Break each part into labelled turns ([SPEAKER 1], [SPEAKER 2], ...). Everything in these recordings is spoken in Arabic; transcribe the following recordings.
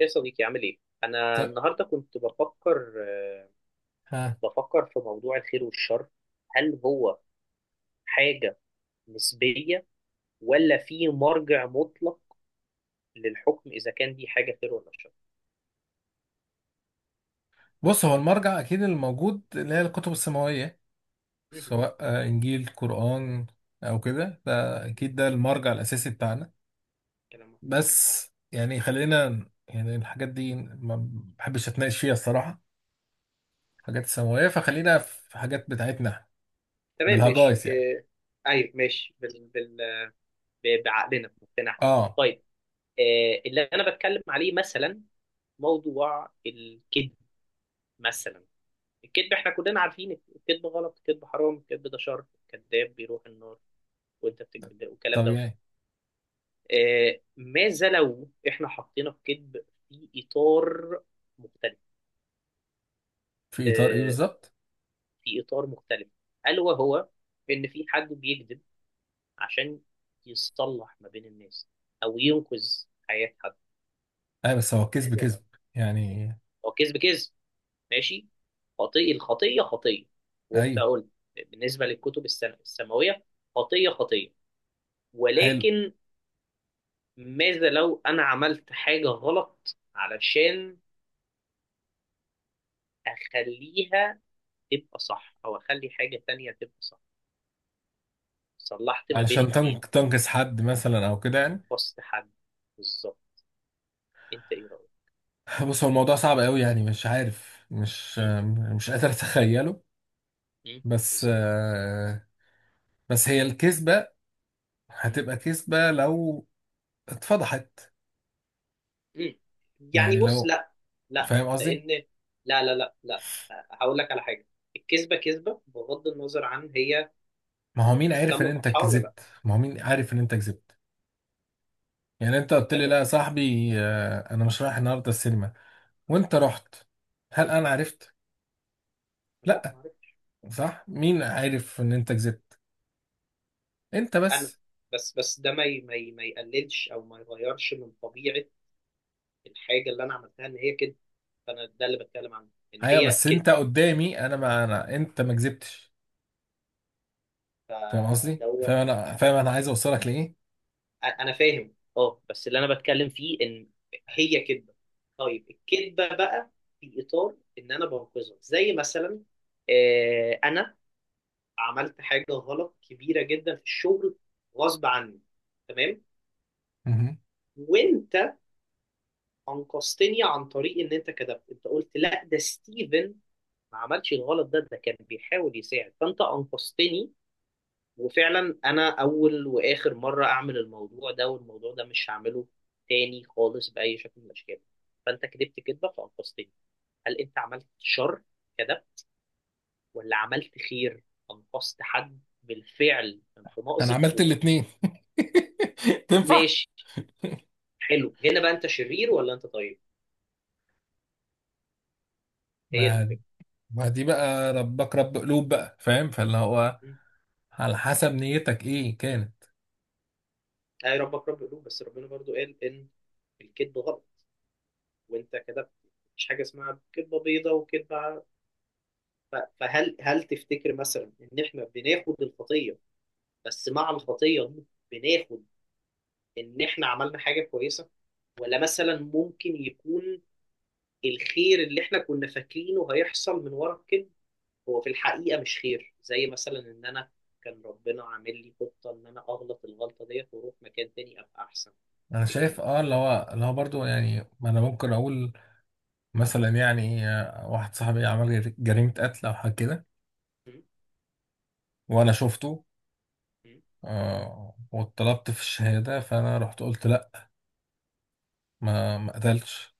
[SPEAKER 1] يا صديقي عامل ايه؟ أنا
[SPEAKER 2] طب.
[SPEAKER 1] النهاردة كنت بفكر
[SPEAKER 2] ها.
[SPEAKER 1] بفكر في موضوع الخير والشر، هل هو حاجة نسبية، ولا في مرجع مطلق للحكم إذا كان دي حاجة خير ولا شر؟
[SPEAKER 2] بص، هو المرجع اكيد الموجود اللي هي الكتب السماويه،
[SPEAKER 1] مهم.
[SPEAKER 2] سواء انجيل قران او كده. ده
[SPEAKER 1] مهم.
[SPEAKER 2] اكيد ده المرجع الاساسي بتاعنا.
[SPEAKER 1] كلام محترم.
[SPEAKER 2] بس يعني خلينا الحاجات دي ما بحبش اتناقش فيها الصراحه، حاجات السماويه، فخلينا في
[SPEAKER 1] مهم.
[SPEAKER 2] حاجات بتاعتنا إحنا،
[SPEAKER 1] تمام ماشي
[SPEAKER 2] بالهجايس يعني.
[SPEAKER 1] إيه. ايوه ماشي بعقلنا بمقتنعنا.
[SPEAKER 2] اه
[SPEAKER 1] طيب، اللي أنا بتكلم عليه مثلا موضوع الكذب. مثلا الكذب احنا كلنا عارفين الكذب غلط، الكذب حرام، الكذب ده شر، الكذاب بيروح النار، وانت بتكتب ده والكلام ده.
[SPEAKER 2] طبيعي.
[SPEAKER 1] ماذا لو احنا حطينا الكذب في اطار مختلف؟
[SPEAKER 2] في اطار ايه
[SPEAKER 1] آه،
[SPEAKER 2] بالظبط؟
[SPEAKER 1] في اطار مختلف، الا وهو ان في حد بيكذب عشان يصلح ما بين الناس او ينقذ حياة حد.
[SPEAKER 2] ايوه بس هو كذب
[SPEAKER 1] ماذا
[SPEAKER 2] كذب
[SPEAKER 1] لو؟
[SPEAKER 2] يعني.
[SPEAKER 1] هو كذب كذب، ماشي، خطيئة، الخطية خطية، وانت
[SPEAKER 2] ايوه.
[SPEAKER 1] قلت بالنسبة السماوية خطية خطية،
[SPEAKER 2] حلو.
[SPEAKER 1] ولكن ماذا لو انا عملت حاجة غلط علشان اخليها تبقى صح، او اخلي حاجة تانية تبقى صح، صلحت ما بين
[SPEAKER 2] علشان
[SPEAKER 1] اتنين،
[SPEAKER 2] تنكس حد مثلا او كده يعني.
[SPEAKER 1] انقصت حد؟ بالظبط. انت ايه رأيك؟
[SPEAKER 2] بص، هو الموضوع صعب قوي يعني، مش عارف مش
[SPEAKER 1] مم.
[SPEAKER 2] مش قادر اتخيله،
[SPEAKER 1] مم.
[SPEAKER 2] بس
[SPEAKER 1] بالظبط.
[SPEAKER 2] بس هي الكذبة
[SPEAKER 1] مم.
[SPEAKER 2] هتبقى كذبة لو اتفضحت.
[SPEAKER 1] مم.
[SPEAKER 2] يعني
[SPEAKER 1] يعني بص
[SPEAKER 2] لو،
[SPEAKER 1] لا لا
[SPEAKER 2] فاهم قصدي،
[SPEAKER 1] لان لا، هقول لك على حاجة، الكذبة كذبة بغض النظر عن هي
[SPEAKER 2] ما هو مين عارف ان
[SPEAKER 1] تم
[SPEAKER 2] انت
[SPEAKER 1] فتحها ولا لا.
[SPEAKER 2] كذبت؟ ما هو مين عارف ان انت كذبت؟ يعني انت قلت لي
[SPEAKER 1] تمام.
[SPEAKER 2] لا يا صاحبي، انا مش رايح النهارده السينما، وانت رحت. هل انا عرفت؟
[SPEAKER 1] لا
[SPEAKER 2] لا.
[SPEAKER 1] معرفش.
[SPEAKER 2] صح؟ مين عارف ان انت كذبت؟ انت
[SPEAKER 1] انا؟
[SPEAKER 2] بس.
[SPEAKER 1] بس ده ما يقللش او ما يغيرش من طبيعة الحاجة اللي انا عملتها، ان هي كده. فانا ده اللي بتكلم عنه، ان
[SPEAKER 2] ايوه
[SPEAKER 1] هي
[SPEAKER 2] بس
[SPEAKER 1] كده.
[SPEAKER 2] انت قدامي انا، ما انا انت ما كذبتش. فاهم قصدي؟ فاهم
[SPEAKER 1] فدوت.
[SPEAKER 2] انا؟ فاهم انا عايز اوصلك لايه؟
[SPEAKER 1] انا فاهم، اه، بس اللي انا بتكلم فيه ان هي كذبه. طيب الكذبه بقى في اطار ان انا بنقذها، زي مثلا، انا عملت حاجه غلط كبيره جدا في الشغل غصب عني، تمام،
[SPEAKER 2] مهم.
[SPEAKER 1] وانت انقذتني عن طريق ان انت كذبت، انت قلت لا ده ستيفن ما عملش الغلط ده، ده كان بيحاول يساعد، فانت انقذتني. وفعلا انا اول واخر مره اعمل الموضوع ده، والموضوع ده مش هعمله تاني خالص باي شكل من الاشكال. فانت كدبت كدبه فانقذتني. هل انت عملت شر؟ كدب، ولا عملت خير، انقذت حد بالفعل انت
[SPEAKER 2] انا
[SPEAKER 1] مأزق،
[SPEAKER 2] عملت
[SPEAKER 1] وبالفعل.
[SPEAKER 2] الاتنين. تنفع؟
[SPEAKER 1] ماشي. حلو، هنا بقى انت شرير ولا انت طيب؟ هي دي
[SPEAKER 2] ما
[SPEAKER 1] الفكره.
[SPEAKER 2] ما دي بقى ربك رب قلوب بقى، فاهم؟ فاللي هو
[SPEAKER 1] م.
[SPEAKER 2] على حسب نيتك ايه كانت.
[SPEAKER 1] اي ربك رب قلوب، بس ربنا برضو قال ان الكذب غلط، وانت كدبت، مفيش حاجه اسمها كذبه بيضاء وكذبه. فهل تفتكر مثلا ان احنا بناخد الخطيه، بس مع الخطيه دي بناخد ان احنا عملنا حاجه كويسه؟ ولا مثلا ممكن يكون الخير اللي احنا كنا فاكرينه هيحصل من ورا الكذب هو في الحقيقه مش خير؟ زي مثلا ان انا كان ربنا عامل لي خطه ان انا اغلط الغلطه ديت واروح مكان تاني ابقى احسن.
[SPEAKER 2] انا
[SPEAKER 1] تفتكر
[SPEAKER 2] شايف
[SPEAKER 1] ايه؟
[SPEAKER 2] اه، اللي هو اللي هو برضه يعني، ما انا ممكن اقول مثلا يعني، واحد صاحبي عمل جريمة قتل او حاجة كده،
[SPEAKER 1] م؟
[SPEAKER 2] وانا شفته.
[SPEAKER 1] م؟
[SPEAKER 2] آه، واتطلبت في الشهادة، فانا رحت قلت لا، ما قتلتش.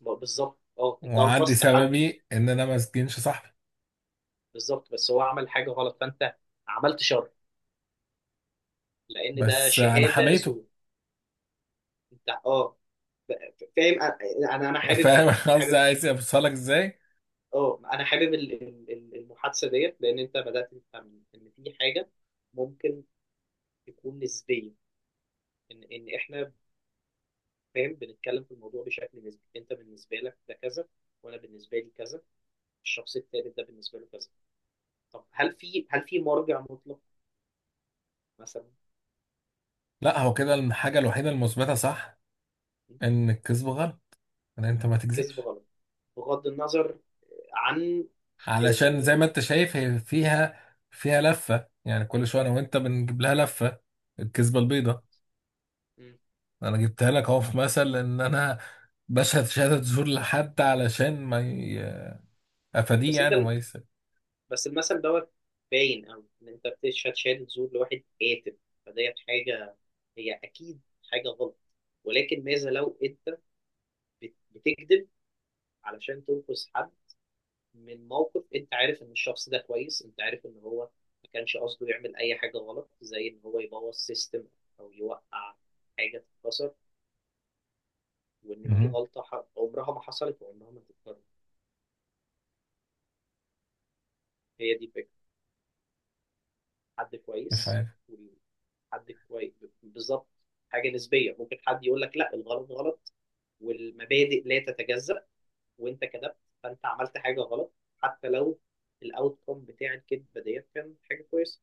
[SPEAKER 1] بالظبط، اه، انت
[SPEAKER 2] وعندي
[SPEAKER 1] انقذت حد.
[SPEAKER 2] سببي ان انا ما اسجنش صاحبي،
[SPEAKER 1] بالظبط، بس هو عمل حاجه غلط فانت عملت شر، لان ده
[SPEAKER 2] بس انا
[SPEAKER 1] شهاده
[SPEAKER 2] حميته.
[SPEAKER 1] زور. انت، اه. فاهم انا. أنا حابب
[SPEAKER 2] فاهم
[SPEAKER 1] ده،
[SPEAKER 2] أنا
[SPEAKER 1] انا
[SPEAKER 2] قصدي
[SPEAKER 1] حابب،
[SPEAKER 2] عايز اوصلك ازاي؟
[SPEAKER 1] اه، انا حابب المحادثه ديت لان انت بدات تفهم ان في حاجه ممكن تكون نسبيه، ان احنا، فاهم، بنتكلم في الموضوع بشكل نسبي، انت بالنسبه لك ده كذا، وانا بالنسبه لي كذا، الشخص التالت ده بالنسبه له كذا. طب هل في، مرجع مطلق مثلا؟
[SPEAKER 2] لا، هو كده الحاجه الوحيده المثبته صح، ان الكذب غلط، ان انت ما
[SPEAKER 1] كذب
[SPEAKER 2] تكذبش.
[SPEAKER 1] غلط، بغض النظر عن،
[SPEAKER 2] علشان زي
[SPEAKER 1] آه،
[SPEAKER 2] ما انت شايف، هي فيها لفه يعني. كل شويه انا
[SPEAKER 1] مم،
[SPEAKER 2] وانت بنجيب لها لفه، الكذبه
[SPEAKER 1] مظبوط.
[SPEAKER 2] البيضاء.
[SPEAKER 1] مم.
[SPEAKER 2] انا جبتها لك اهو، في مثل ان انا بشهد شهاده زور لحد علشان ما ي... افاديه
[SPEAKER 1] بس انت،
[SPEAKER 2] يعني وما يس.
[SPEAKER 1] بس المثل دوت باين أوي إن أنت هتشهد زور لواحد قاتل، فديت حاجة هي أكيد حاجة غلط، ولكن ماذا لو أنت بتكذب علشان تنقذ حد من موقف، أنت عارف إن الشخص ده كويس، أنت عارف إن هو ما كانش قصده يعمل أي حاجة غلط، زي إن هو يبوظ سيستم أو يوقع حاجة تتكسر، وإن دي
[SPEAKER 2] مهم.
[SPEAKER 1] غلطة عمرها ما حصلت وعمرها ما هتتكرر. هي دي الفكرة، حد
[SPEAKER 2] مش
[SPEAKER 1] كويس،
[SPEAKER 2] عارف.
[SPEAKER 1] حد كويس. بالظبط. حاجه نسبيه، ممكن حد يقول لك لا الغلط غلط، والمبادئ لا تتجزأ، وانت كذبت، فانت عملت حاجه غلط حتى لو الاوت كوم بتاع الكذبه ديت كان حاجه كويسه.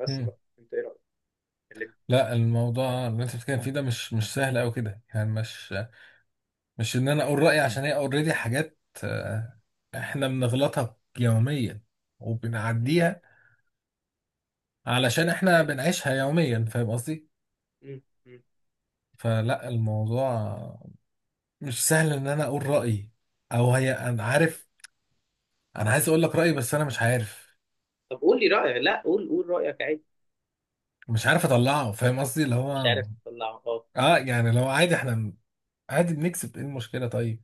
[SPEAKER 1] بس
[SPEAKER 2] مم.
[SPEAKER 1] بقى انت ايه رايك؟ اللي...
[SPEAKER 2] لا، الموضوع اللي انت بتتكلم فيه ده مش سهل قوي كده يعني. مش ان انا اقول رايي، عشان هي اوريدي حاجات، احنا بنغلطها يوميا
[SPEAKER 1] مم.
[SPEAKER 2] وبنعديها علشان احنا
[SPEAKER 1] ايوه.
[SPEAKER 2] بنعيشها يوميا. فاهم قصدي؟
[SPEAKER 1] مم. مم.
[SPEAKER 2] فلا، الموضوع مش سهل ان انا اقول رايي. او هي انا عارف، انا عايز اقول لك رايي بس انا مش عارف،
[SPEAKER 1] طب قول لي رايك، لا قول، قول رايك عادي.
[SPEAKER 2] مش عارف اطلعه. فاهم قصدي؟ اللي هو
[SPEAKER 1] مش عارف تطلع، اه.
[SPEAKER 2] اه يعني، لو عادي احنا، عادي، بنكسب ايه المشكله طيب،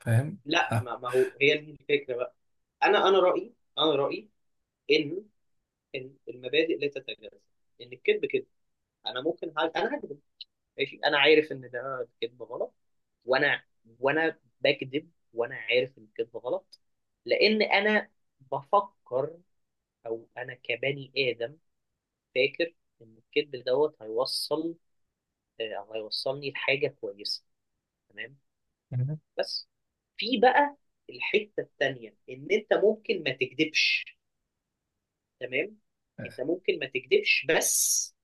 [SPEAKER 2] فاهم؟
[SPEAKER 1] لا ما, ما هو هي دي الفكره بقى. انا رايي، انا رايي ان، ان المبادئ لا تتجزأ، ان الكذب كده. انا ممكن انا هكذب، ماشي، انا عارف ان ده كذب غلط، وانا وانا بكذب وانا عارف ان الكذب غلط لان انا بفكر، او انا كبني ادم فاكر ان الكذب دوت هيوصل، او هيوصلني لحاجه كويسه. تمام. بس في بقى الحته التانيه، ان انت ممكن ما تكذبش. تمام. انت ممكن ما تكذبش، بس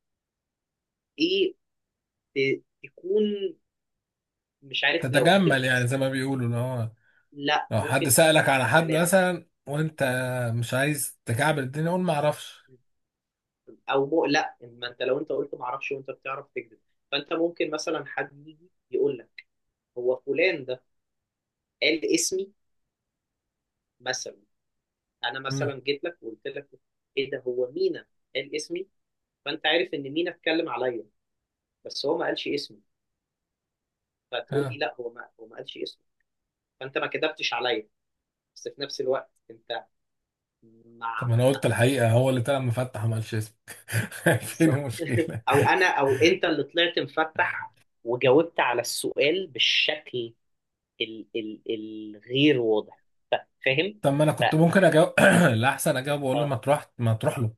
[SPEAKER 1] ايه، تكون، مش عارف لو
[SPEAKER 2] تتجمل
[SPEAKER 1] هتبقى،
[SPEAKER 2] يعني، زي ما بيقولوا، اللي هو
[SPEAKER 1] لا
[SPEAKER 2] لو حد
[SPEAKER 1] ممكن
[SPEAKER 2] سألك على حد
[SPEAKER 1] تتلاعب،
[SPEAKER 2] مثلا وانت مش عايز تكعبل الدنيا، قول ما اعرفش.
[SPEAKER 1] او مقلق، ان ما انت لو انت قلت ما اعرفش وانت بتعرف تكذب، فانت ممكن مثلا حد يجي يقول لك هو فلان ده قال اسمي مثلا، انا
[SPEAKER 2] مم.
[SPEAKER 1] مثلا جيت لك وقلت لك ايه ده، هو مينا قال اسمي؟ فانت عارف ان مينا اتكلم عليا، بس هو ما قالش اسمي، فتقول لي
[SPEAKER 2] ها.
[SPEAKER 1] لا هو ما قالش اسمي. فانت ما كذبتش عليا، بس في نفس الوقت انت،
[SPEAKER 2] طب
[SPEAKER 1] مع
[SPEAKER 2] ما انا
[SPEAKER 1] ما
[SPEAKER 2] قلت
[SPEAKER 1] ما
[SPEAKER 2] الحقيقة، هو اللي طلع مفتح وما قالش اسمك. فين
[SPEAKER 1] بالظبط.
[SPEAKER 2] المشكلة؟
[SPEAKER 1] او انت اللي طلعت مفتح وجاوبت على السؤال بالشكل ال ال الغير واضح. فاهم.
[SPEAKER 2] طب ما انا كنت
[SPEAKER 1] فا-
[SPEAKER 2] ممكن اجاوب، الاحسن اجاوب واقول له
[SPEAKER 1] آه،
[SPEAKER 2] ما تروح له.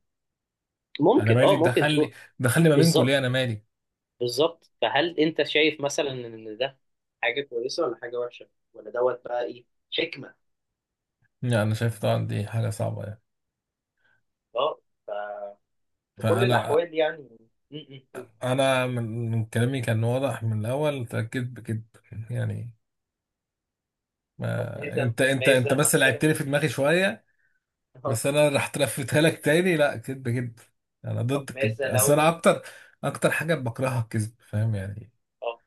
[SPEAKER 2] انا
[SPEAKER 1] ممكن،
[SPEAKER 2] مالي
[SPEAKER 1] اه، ممكن تروح.
[SPEAKER 2] دخلني؟ دخلني ما بينكم ليه؟
[SPEAKER 1] بالظبط،
[SPEAKER 2] انا مالي؟
[SPEAKER 1] بالظبط. فهل انت شايف مثلا ان ده حاجه كويسه ولا حاجه وحشه، ولا دوت بقى ايه، حكمه؟
[SPEAKER 2] يعني انا شايف طبعا دي حاجة صعبة يعني.
[SPEAKER 1] اه، في كل
[SPEAKER 2] فانا،
[SPEAKER 1] الأحوال يعني. م. قول.
[SPEAKER 2] انا من كلامي كان واضح من الاول، تأكد بكده يعني.
[SPEAKER 1] طب
[SPEAKER 2] ما
[SPEAKER 1] ماذا،
[SPEAKER 2] انت
[SPEAKER 1] ماذا
[SPEAKER 2] بس لعبت
[SPEAKER 1] مثلا؟
[SPEAKER 2] لي في دماغي شوية.
[SPEAKER 1] اه.
[SPEAKER 2] بس انا راح تلفتها لك تاني، لا، كدب كدب. انا
[SPEAKER 1] طب
[SPEAKER 2] ضد الكدب،
[SPEAKER 1] ماذا
[SPEAKER 2] اصل انا
[SPEAKER 1] لو؟
[SPEAKER 2] اكتر، اكتر حاجه بكرهها الكذب، فاهم يعني؟
[SPEAKER 1] اه،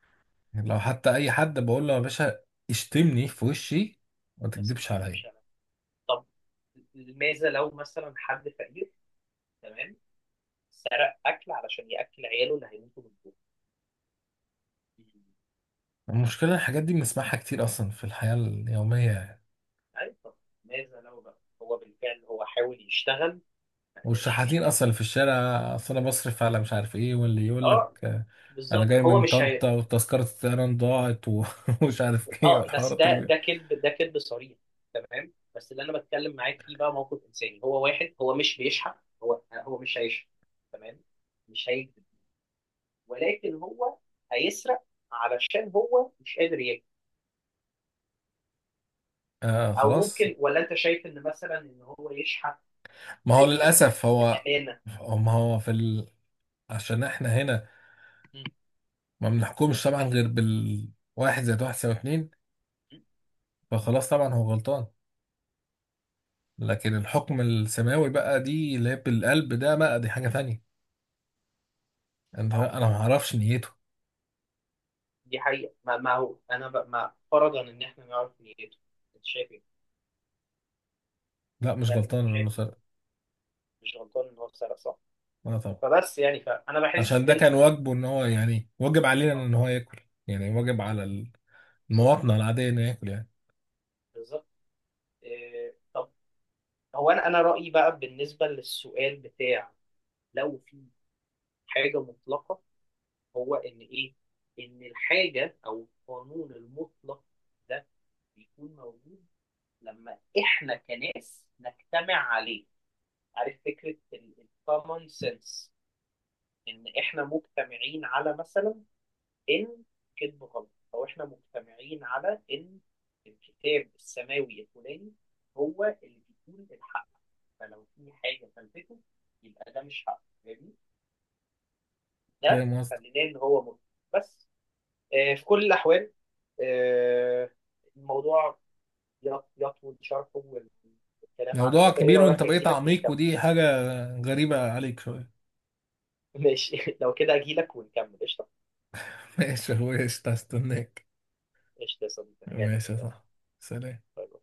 [SPEAKER 2] لو حتى اي حد بقول له يا باشا اشتمني في وشي، ما
[SPEAKER 1] بس ما
[SPEAKER 2] تكدبش عليا.
[SPEAKER 1] تكذبش عليا. طب ماذا لو مثلا حد فقير، تمام، سرق أكل علشان يأكل عياله اللي هيموتوا من الجوع؟
[SPEAKER 2] المشكله الحاجات دي بنسمعها كتير اصلا في الحياه اليوميه يعني.
[SPEAKER 1] ايوه. ماذا لو بقى هو بالفعل، هو حاول يشتغل ما قدرش
[SPEAKER 2] والشحاتين
[SPEAKER 1] يشتغل؟
[SPEAKER 2] اصلا اللي في الشارع، اصل انا بصرف على مش عارف ايه، واللي يقول لك
[SPEAKER 1] اه،
[SPEAKER 2] انا
[SPEAKER 1] بالظبط.
[SPEAKER 2] جاي
[SPEAKER 1] هو
[SPEAKER 2] من
[SPEAKER 1] مش هي.
[SPEAKER 2] طنطا وتذكره الطيران ضاعت ومش عارف ايه،
[SPEAKER 1] اه، بس
[SPEAKER 2] والحوارات اللي
[SPEAKER 1] ده
[SPEAKER 2] بي...
[SPEAKER 1] ده كذب، ده كذب صريح، تمام. بس اللي انا بتكلم معاك فيه بقى موقف انساني، هو واحد هو مش بيشحت، هو مش هيشحت، تمام، مش هيكذب، ولكن هو هيسرق علشان هو مش قادر ياكل.
[SPEAKER 2] آه
[SPEAKER 1] او
[SPEAKER 2] خلاص.
[SPEAKER 1] ممكن، ولا انت شايف ان مثلا ان هو يشحت؟
[SPEAKER 2] ما هو
[SPEAKER 1] ب- ب-
[SPEAKER 2] للاسف هو،
[SPEAKER 1] بامانه.
[SPEAKER 2] ما هو في، عشان احنا هنا
[SPEAKER 1] مم.
[SPEAKER 2] ما بنحكمش طبعا غير بالواحد زائد واحد يساوي اتنين. فخلاص طبعا هو غلطان، لكن الحكم السماوي بقى دي اللي هي بالقلب، ده بقى دي حاجة تانية، انت
[SPEAKER 1] ما هو،
[SPEAKER 2] انا ما اعرفش نيته.
[SPEAKER 1] دي حقيقة، ما هو أنا ما، فرضا إن إحنا نعرف نيته، أنت شايف إيه؟
[SPEAKER 2] لا، مش
[SPEAKER 1] يعني أنت
[SPEAKER 2] غلطان انه
[SPEAKER 1] شايف إن
[SPEAKER 2] سرق.
[SPEAKER 1] مش غلطان إن هو سرق، صح؟
[SPEAKER 2] لا طبعا،
[SPEAKER 1] فبس يعني، فأنا بحس
[SPEAKER 2] عشان ده كان
[SPEAKER 1] إن،
[SPEAKER 2] واجبه ان هو، يعني واجب علينا
[SPEAKER 1] آه،
[SPEAKER 2] ان هو ياكل، يعني واجب على
[SPEAKER 1] بالظبط،
[SPEAKER 2] المواطنة العادية انه ياكل يعني.
[SPEAKER 1] بالظبط. إيه... طب، هو أنا رأيي بقى بالنسبة للسؤال بتاع لو في حاجة مطلقة، هو إن إيه؟ إن الحاجة، أو القانون المطلق ده، بيكون موجود لما إحنا كناس نجتمع عليه. عارف فكرة الكومن سنس؟ ان احنا مجتمعين على مثلا ان كذب غلط، او احنا مجتمعين على ان الكتاب السماوي الفلاني هو اللي بيقول الحق، فلو في حاجه فلتته يبقى ده مش حق، فاهمني؟ ده
[SPEAKER 2] فاهم قصدي؟
[SPEAKER 1] خليناه ان هو ملحد. بس، آه، في كل الاحوال، آه، الموضوع يطول شرحه والكلام
[SPEAKER 2] موضوع
[SPEAKER 1] عنه، فايه
[SPEAKER 2] كبير، وانت
[SPEAKER 1] رايك
[SPEAKER 2] بقيت
[SPEAKER 1] اجيلك
[SPEAKER 2] عميق
[SPEAKER 1] ونكمل؟
[SPEAKER 2] ودي حاجة غريبة عليك شوية.
[SPEAKER 1] ماشي، لو كده اجيلك ونكمل قشطه.
[SPEAKER 2] ماشي يا اخويا، قشطة، هستناك.
[SPEAKER 1] قشطه يا صديقي، انا جاي لك،
[SPEAKER 2] ماشي يا
[SPEAKER 1] يلا.
[SPEAKER 2] صاحبي. سلام.
[SPEAKER 1] باي باي.